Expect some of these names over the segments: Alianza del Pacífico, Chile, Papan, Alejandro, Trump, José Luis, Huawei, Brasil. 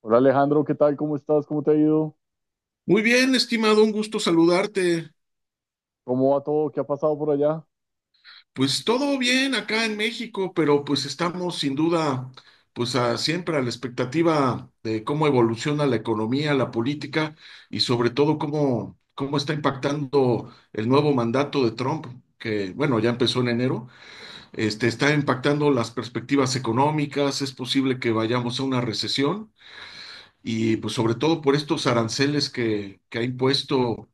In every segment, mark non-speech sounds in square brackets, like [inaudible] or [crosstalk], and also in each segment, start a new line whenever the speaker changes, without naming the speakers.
Hola Alejandro, ¿qué tal? ¿Cómo estás? ¿Cómo te ha ido?
Muy bien, estimado, un gusto saludarte.
¿Cómo va todo? ¿Qué ha pasado por allá?
Pues todo bien acá en México, pero pues estamos sin duda, pues siempre a la expectativa de cómo evoluciona la economía, la política y sobre todo cómo está impactando el nuevo mandato de Trump, que bueno, ya empezó en enero, está impactando las perspectivas económicas, es posible que vayamos a una recesión y pues sobre todo por estos aranceles que ha impuesto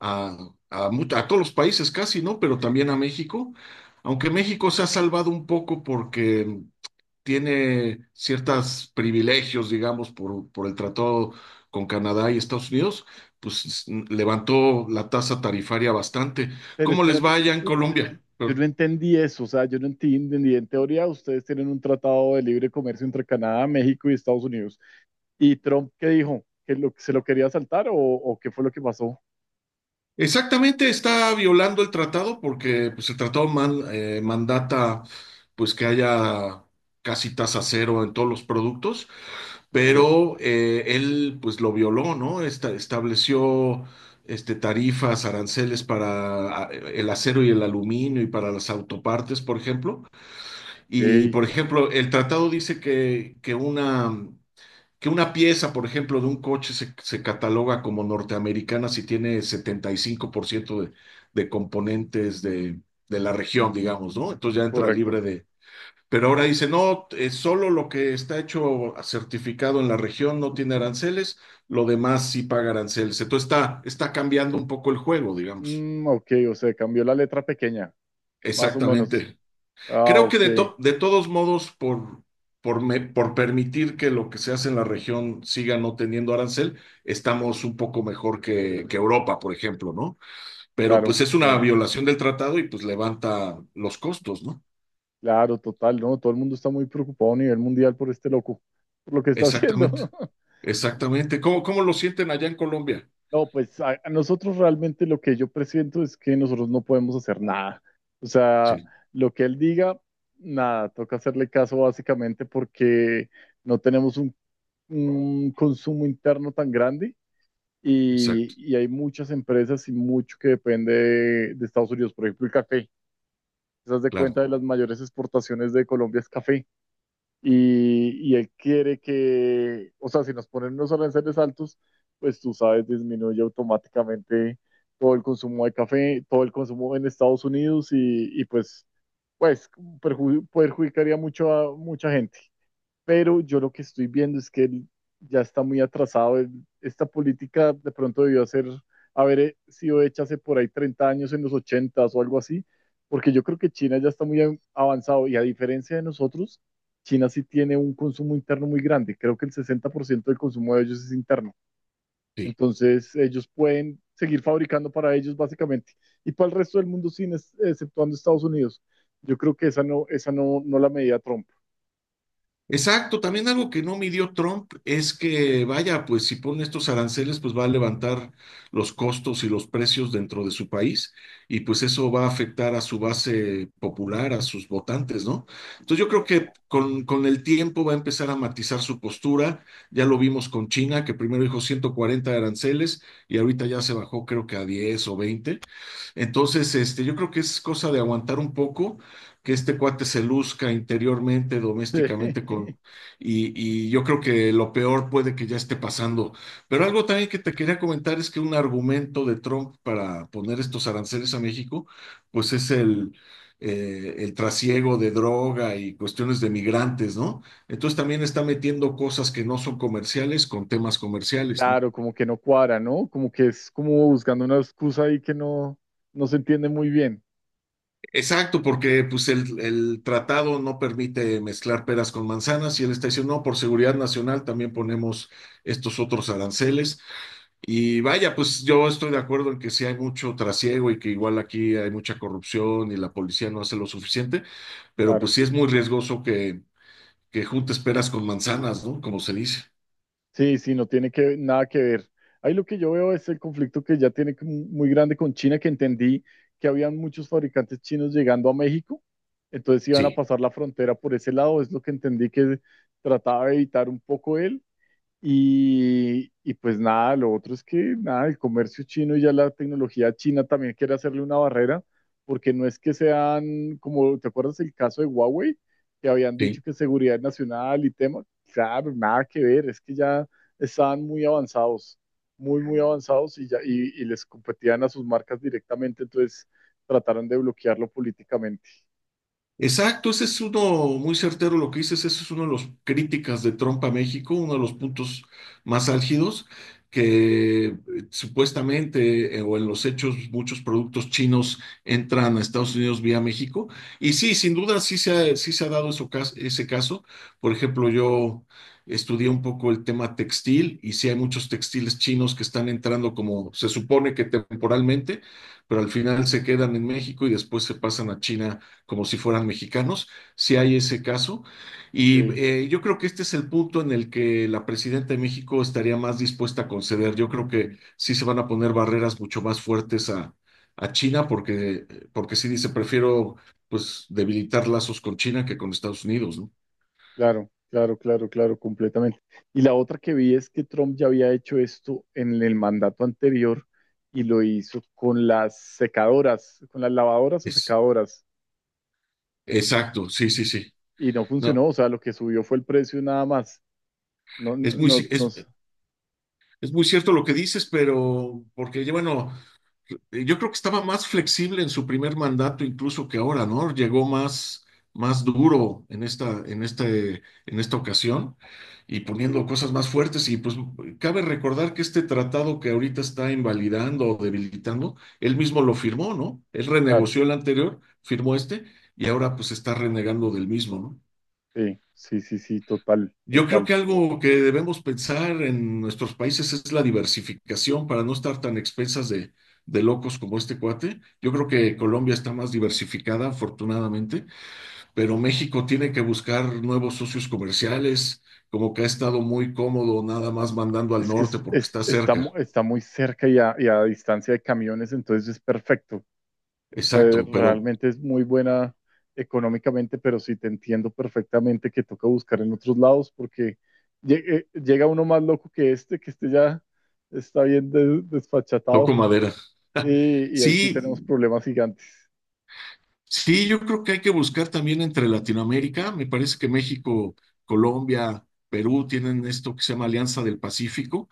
a, a todos los países casi, ¿no? Pero también a México, aunque México se ha salvado un poco porque tiene ciertos privilegios, digamos, por el tratado con Canadá y Estados Unidos, pues levantó la tasa tarifaria bastante.
Pero
¿Cómo les va
espérate,
allá en Colombia?
yo no entendí eso, o sea, yo no enti- entendí, en teoría ustedes tienen un tratado de libre comercio entre Canadá, México y Estados Unidos. ¿Y Trump qué dijo? ¿Que se lo quería saltar o qué fue lo que pasó?
Exactamente, está violando el tratado porque pues, el tratado mandata pues que haya casi tasa cero en todos los productos pero él pues lo violó, ¿no? Estableció tarifas, aranceles para el acero y el aluminio y para las autopartes, por ejemplo. Y,
Ok,
por ejemplo, el tratado dice que una pieza, por ejemplo, de un coche se cataloga como norteamericana si tiene 75% de componentes de la región, digamos, ¿no? Entonces ya entra libre
correcto.
de pero ahora dice, no, solo lo que está hecho certificado en la región no tiene aranceles, lo demás sí paga aranceles. Entonces está cambiando un poco el juego, digamos.
Mm, ok, o sea, cambió la letra pequeña, más o menos.
Exactamente.
Ah,
Creo que
ok,
de todos modos, por permitir que lo que se hace en la región siga no teniendo arancel, estamos un poco mejor que Europa, por ejemplo, ¿no? Pero pues
claro,
es una
claro,
violación del tratado y pues levanta los costos, ¿no?
claro, total, ¿no? Todo el mundo está muy preocupado a nivel mundial por este loco, por lo que está haciendo.
Exactamente,
[laughs]
exactamente. Cómo lo sienten allá en Colombia?
No, pues a nosotros realmente lo que yo presiento es que nosotros no podemos hacer nada. O sea,
Sí,
lo que él diga, nada, toca hacerle caso básicamente porque no tenemos un consumo interno tan grande
exacto,
y hay muchas empresas y mucho que depende de Estados Unidos. Por ejemplo, el café. ¿Te das de
claro,
cuenta de las mayores exportaciones de Colombia es café? Y, y él quiere que, o sea, si nos ponen unos aranceles altos, pues tú sabes, disminuye automáticamente todo el consumo de café, todo el consumo en Estados Unidos y pues, pues perjudicaría mucho a mucha gente, pero yo lo que estoy viendo es que él ya está muy atrasado. Esta política de pronto debió haber sido hecha hace por ahí 30 años, en los 80 o algo así, porque yo creo que China ya está muy avanzado y a diferencia de nosotros, China sí tiene un consumo interno muy grande. Creo que el 60% del consumo de ellos es interno.
sí.
Entonces, ellos pueden seguir fabricando para ellos básicamente y para el resto del mundo, sin exceptuando Estados Unidos. Yo creo que esa no, no la medía Trump.
Exacto, también algo que no midió Trump es que, vaya, pues si pone estos aranceles, pues va a levantar los costos y los precios dentro de su país y pues eso va a afectar a su base popular, a sus votantes, ¿no? Entonces yo creo que con el tiempo va a empezar a matizar su postura. Ya lo vimos con China, que primero dijo 140 aranceles y ahorita ya se bajó creo que a 10 o 20. Entonces, yo creo que es cosa de aguantar un poco, que este cuate se luzca interiormente, domésticamente, con,
[laughs]
y yo creo que lo peor puede que ya esté pasando. Pero algo también que te quería comentar es que un argumento de Trump para poner estos aranceles a México, pues es el trasiego de droga y cuestiones de migrantes, ¿no? Entonces también está metiendo cosas que no son comerciales con temas comerciales, ¿no?
Claro, como que no cuadra, ¿no? Como que es como buscando una excusa ahí que no, no se entiende muy bien.
Exacto, porque pues el tratado no permite mezclar peras con manzanas y él está diciendo, no, por seguridad nacional también ponemos estos otros aranceles. Y vaya, pues yo estoy de acuerdo en que sí hay mucho trasiego y que igual aquí hay mucha corrupción y la policía no hace lo suficiente, pero pues
Claro.
sí es muy riesgoso que juntes peras con manzanas, ¿no? Como se dice.
Sí, sí, no tiene que, nada que ver. Ahí lo que yo veo es el conflicto que ya tiene como muy grande con China, que entendí que habían muchos fabricantes chinos llegando a México, entonces iban a
Sí,
pasar la frontera por ese lado, es lo que entendí que trataba de evitar un poco él. Y pues nada, lo otro es que nada, el comercio chino y ya la tecnología china también quiere hacerle una barrera, porque no es que sean, como te acuerdas el caso de Huawei, que habían dicho
sí.
que seguridad nacional y tema, claro, nada que ver, es que ya estaban muy avanzados, muy, muy avanzados y, y les competían a sus marcas directamente, entonces trataron de bloquearlo políticamente.
Exacto, ese es uno muy certero lo que dices, ese es uno de los críticas de Trump a México, uno de los puntos más álgidos, que supuestamente o en los hechos muchos productos chinos entran a Estados Unidos vía México. Y sí, sin duda sí se ha dado ese caso. Por ejemplo, yo estudié un poco el tema textil y sí hay muchos textiles chinos que están entrando como se supone que temporalmente, pero al final se quedan en México y después se pasan a China como si fueran mexicanos, si hay ese caso. Y yo creo que este es el punto en el que la presidenta de México estaría más dispuesta a conceder. Yo creo que sí se van a poner barreras mucho más fuertes a China, porque, porque sí dice, prefiero pues debilitar lazos con China que con Estados Unidos, ¿no?
Claro, claro, claro, claro, completamente. Y la otra que vi es que Trump ya había hecho esto en el mandato anterior y lo hizo con las secadoras, con las lavadoras o
Es,
secadoras,
exacto, sí, sí, sí.
y no
No,
funcionó, o sea, lo que subió fue el precio nada más. No, no,
es muy,
no,
ci-
no,
es, es muy cierto lo que dices, pero porque, bueno, yo creo que estaba más flexible en su primer mandato incluso que ahora, ¿no? Más duro en en esta ocasión y poniendo cosas más fuertes. Y pues cabe recordar que este tratado que ahorita está invalidando o debilitando, él mismo lo firmó, ¿no? Él
claro,
renegoció el anterior, firmó este y ahora pues está renegando del mismo, ¿no?
sí, sí, sí, sí, total,
Yo creo
total.
que algo que debemos pensar en nuestros países es la diversificación para no estar tan expensas de locos como este cuate. Yo creo que Colombia está más diversificada, afortunadamente, pero México tiene que buscar nuevos socios comerciales, como que ha estado muy cómodo nada más mandando al
Es que
norte porque está
está,
cerca.
está muy cerca y a distancia de camiones, entonces es perfecto.
Exacto, pero
Realmente es muy buena económicamente, pero sí te entiendo perfectamente que toca buscar en otros lados porque llega uno más loco que este ya está bien
toco
desfachatado
madera. [laughs]
y ahí sí tenemos
Sí,
problemas gigantes.
sí, yo creo que hay que buscar también entre Latinoamérica. Me parece que México, Colombia, Perú tienen esto que se llama Alianza del Pacífico,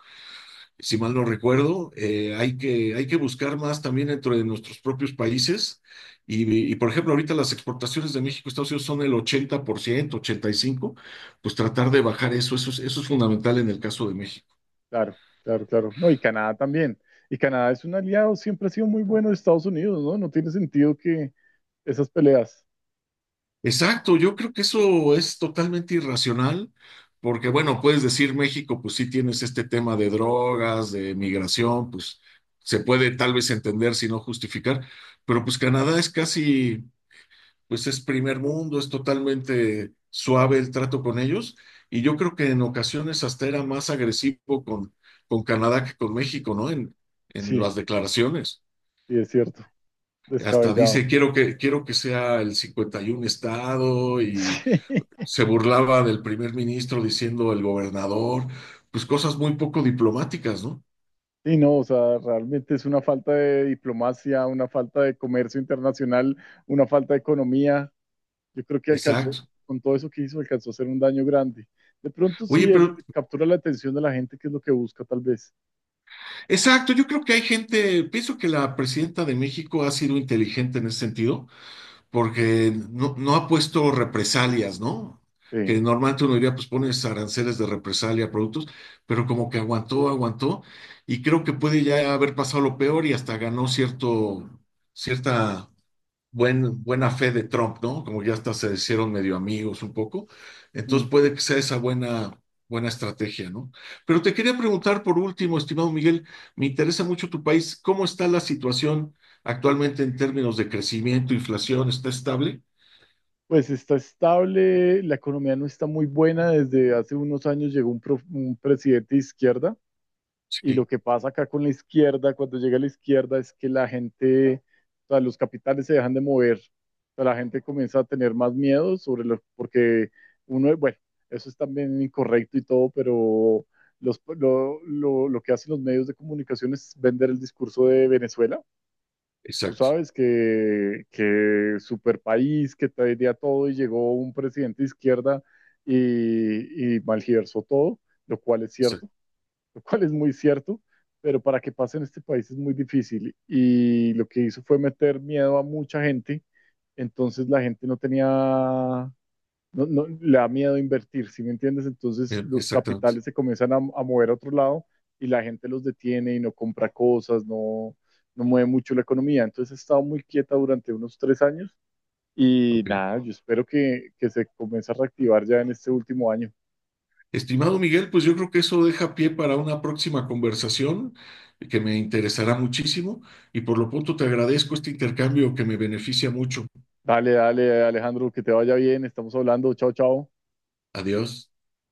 si mal no recuerdo. Hay que buscar más también dentro de nuestros propios países. Y, por ejemplo, ahorita las exportaciones de México a Estados Unidos son el 80%, 85%, pues tratar de bajar eso, eso es fundamental en el caso de México.
Claro, claro, claro. No, y Canadá también. Y Canadá es un aliado, siempre ha sido muy bueno de Estados Unidos, ¿no? No tiene sentido que esas peleas.
Exacto, yo creo que eso es totalmente irracional, porque bueno, puedes decir México, pues sí tienes este tema de drogas, de migración, pues se puede tal vez entender si no justificar, pero pues Canadá es casi, pues es primer mundo, es totalmente suave el trato con ellos, y yo creo que en ocasiones hasta era más agresivo con Canadá que con México, ¿no? En
Sí,
las declaraciones.
sí, es cierto,
Hasta
descabellado.
dice, quiero que sea el 51 estado y
[laughs] Sí.
se burlaba del primer ministro diciendo el gobernador, pues cosas muy poco diplomáticas, ¿no?
Sí, no, o sea, realmente es una falta de diplomacia, una falta de comercio internacional, una falta de economía. Yo creo que alcanzó,
Exacto.
con todo eso que hizo, alcanzó a hacer un daño grande. De pronto sí,
Oye, pero
él captura la atención de la gente, que es lo que busca tal vez.
exacto, yo creo que hay gente, pienso que la presidenta de México ha sido inteligente en ese sentido, porque no ha puesto represalias, ¿no? Que
Sí.
normalmente uno diría, pues pones aranceles de represalia a productos, pero como que aguantó, aguantó, y creo que puede ya haber pasado lo peor y hasta ganó cierta buena fe de Trump, ¿no? Como ya hasta se hicieron medio amigos un poco. Entonces
Mm.
puede que sea esa buena estrategia, ¿no? Pero te quería preguntar por último, estimado Miguel, me interesa mucho tu país. ¿Cómo está la situación actualmente en términos de crecimiento, inflación? ¿Está estable?
Pues está estable, la economía no está muy buena. Desde hace unos años llegó un presidente de izquierda. Y lo
Sí,
que pasa acá con la izquierda, cuando llega a la izquierda, es que la gente, o sea, los capitales se dejan de mover. O sea, la gente comienza a tener más miedo sobre lo, porque uno, bueno, eso es también incorrecto y todo, pero lo que hacen los medios de comunicación es vender el discurso de Venezuela. Tú
exacto,
sabes que super país, que traería todo y llegó un presidente de izquierda y malgiversó todo, lo cual es
exacto,
cierto. [laughs] Lo cual es muy cierto, pero para que pase en este país es muy difícil. Y lo que hizo fue meter miedo a mucha gente, entonces la gente no tenía, no, no- le da miedo invertir, ¿sí me entiendes? Entonces
bien,
los
exactamente.
capitales se comienzan a mover a otro lado y la gente los detiene y no compra cosas, no, no mueve mucho la economía. Entonces ha estado muy quieta durante unos 3 años. Y
Ok.
nada, yo espero que se comience a reactivar ya en este último año.
Estimado Miguel, pues yo creo que eso deja pie para una próxima conversación que me interesará muchísimo y por lo pronto te agradezco este intercambio que me beneficia mucho.
Dale, dale, Alejandro, que te vaya bien. Estamos hablando. Chao, chao.
Adiós.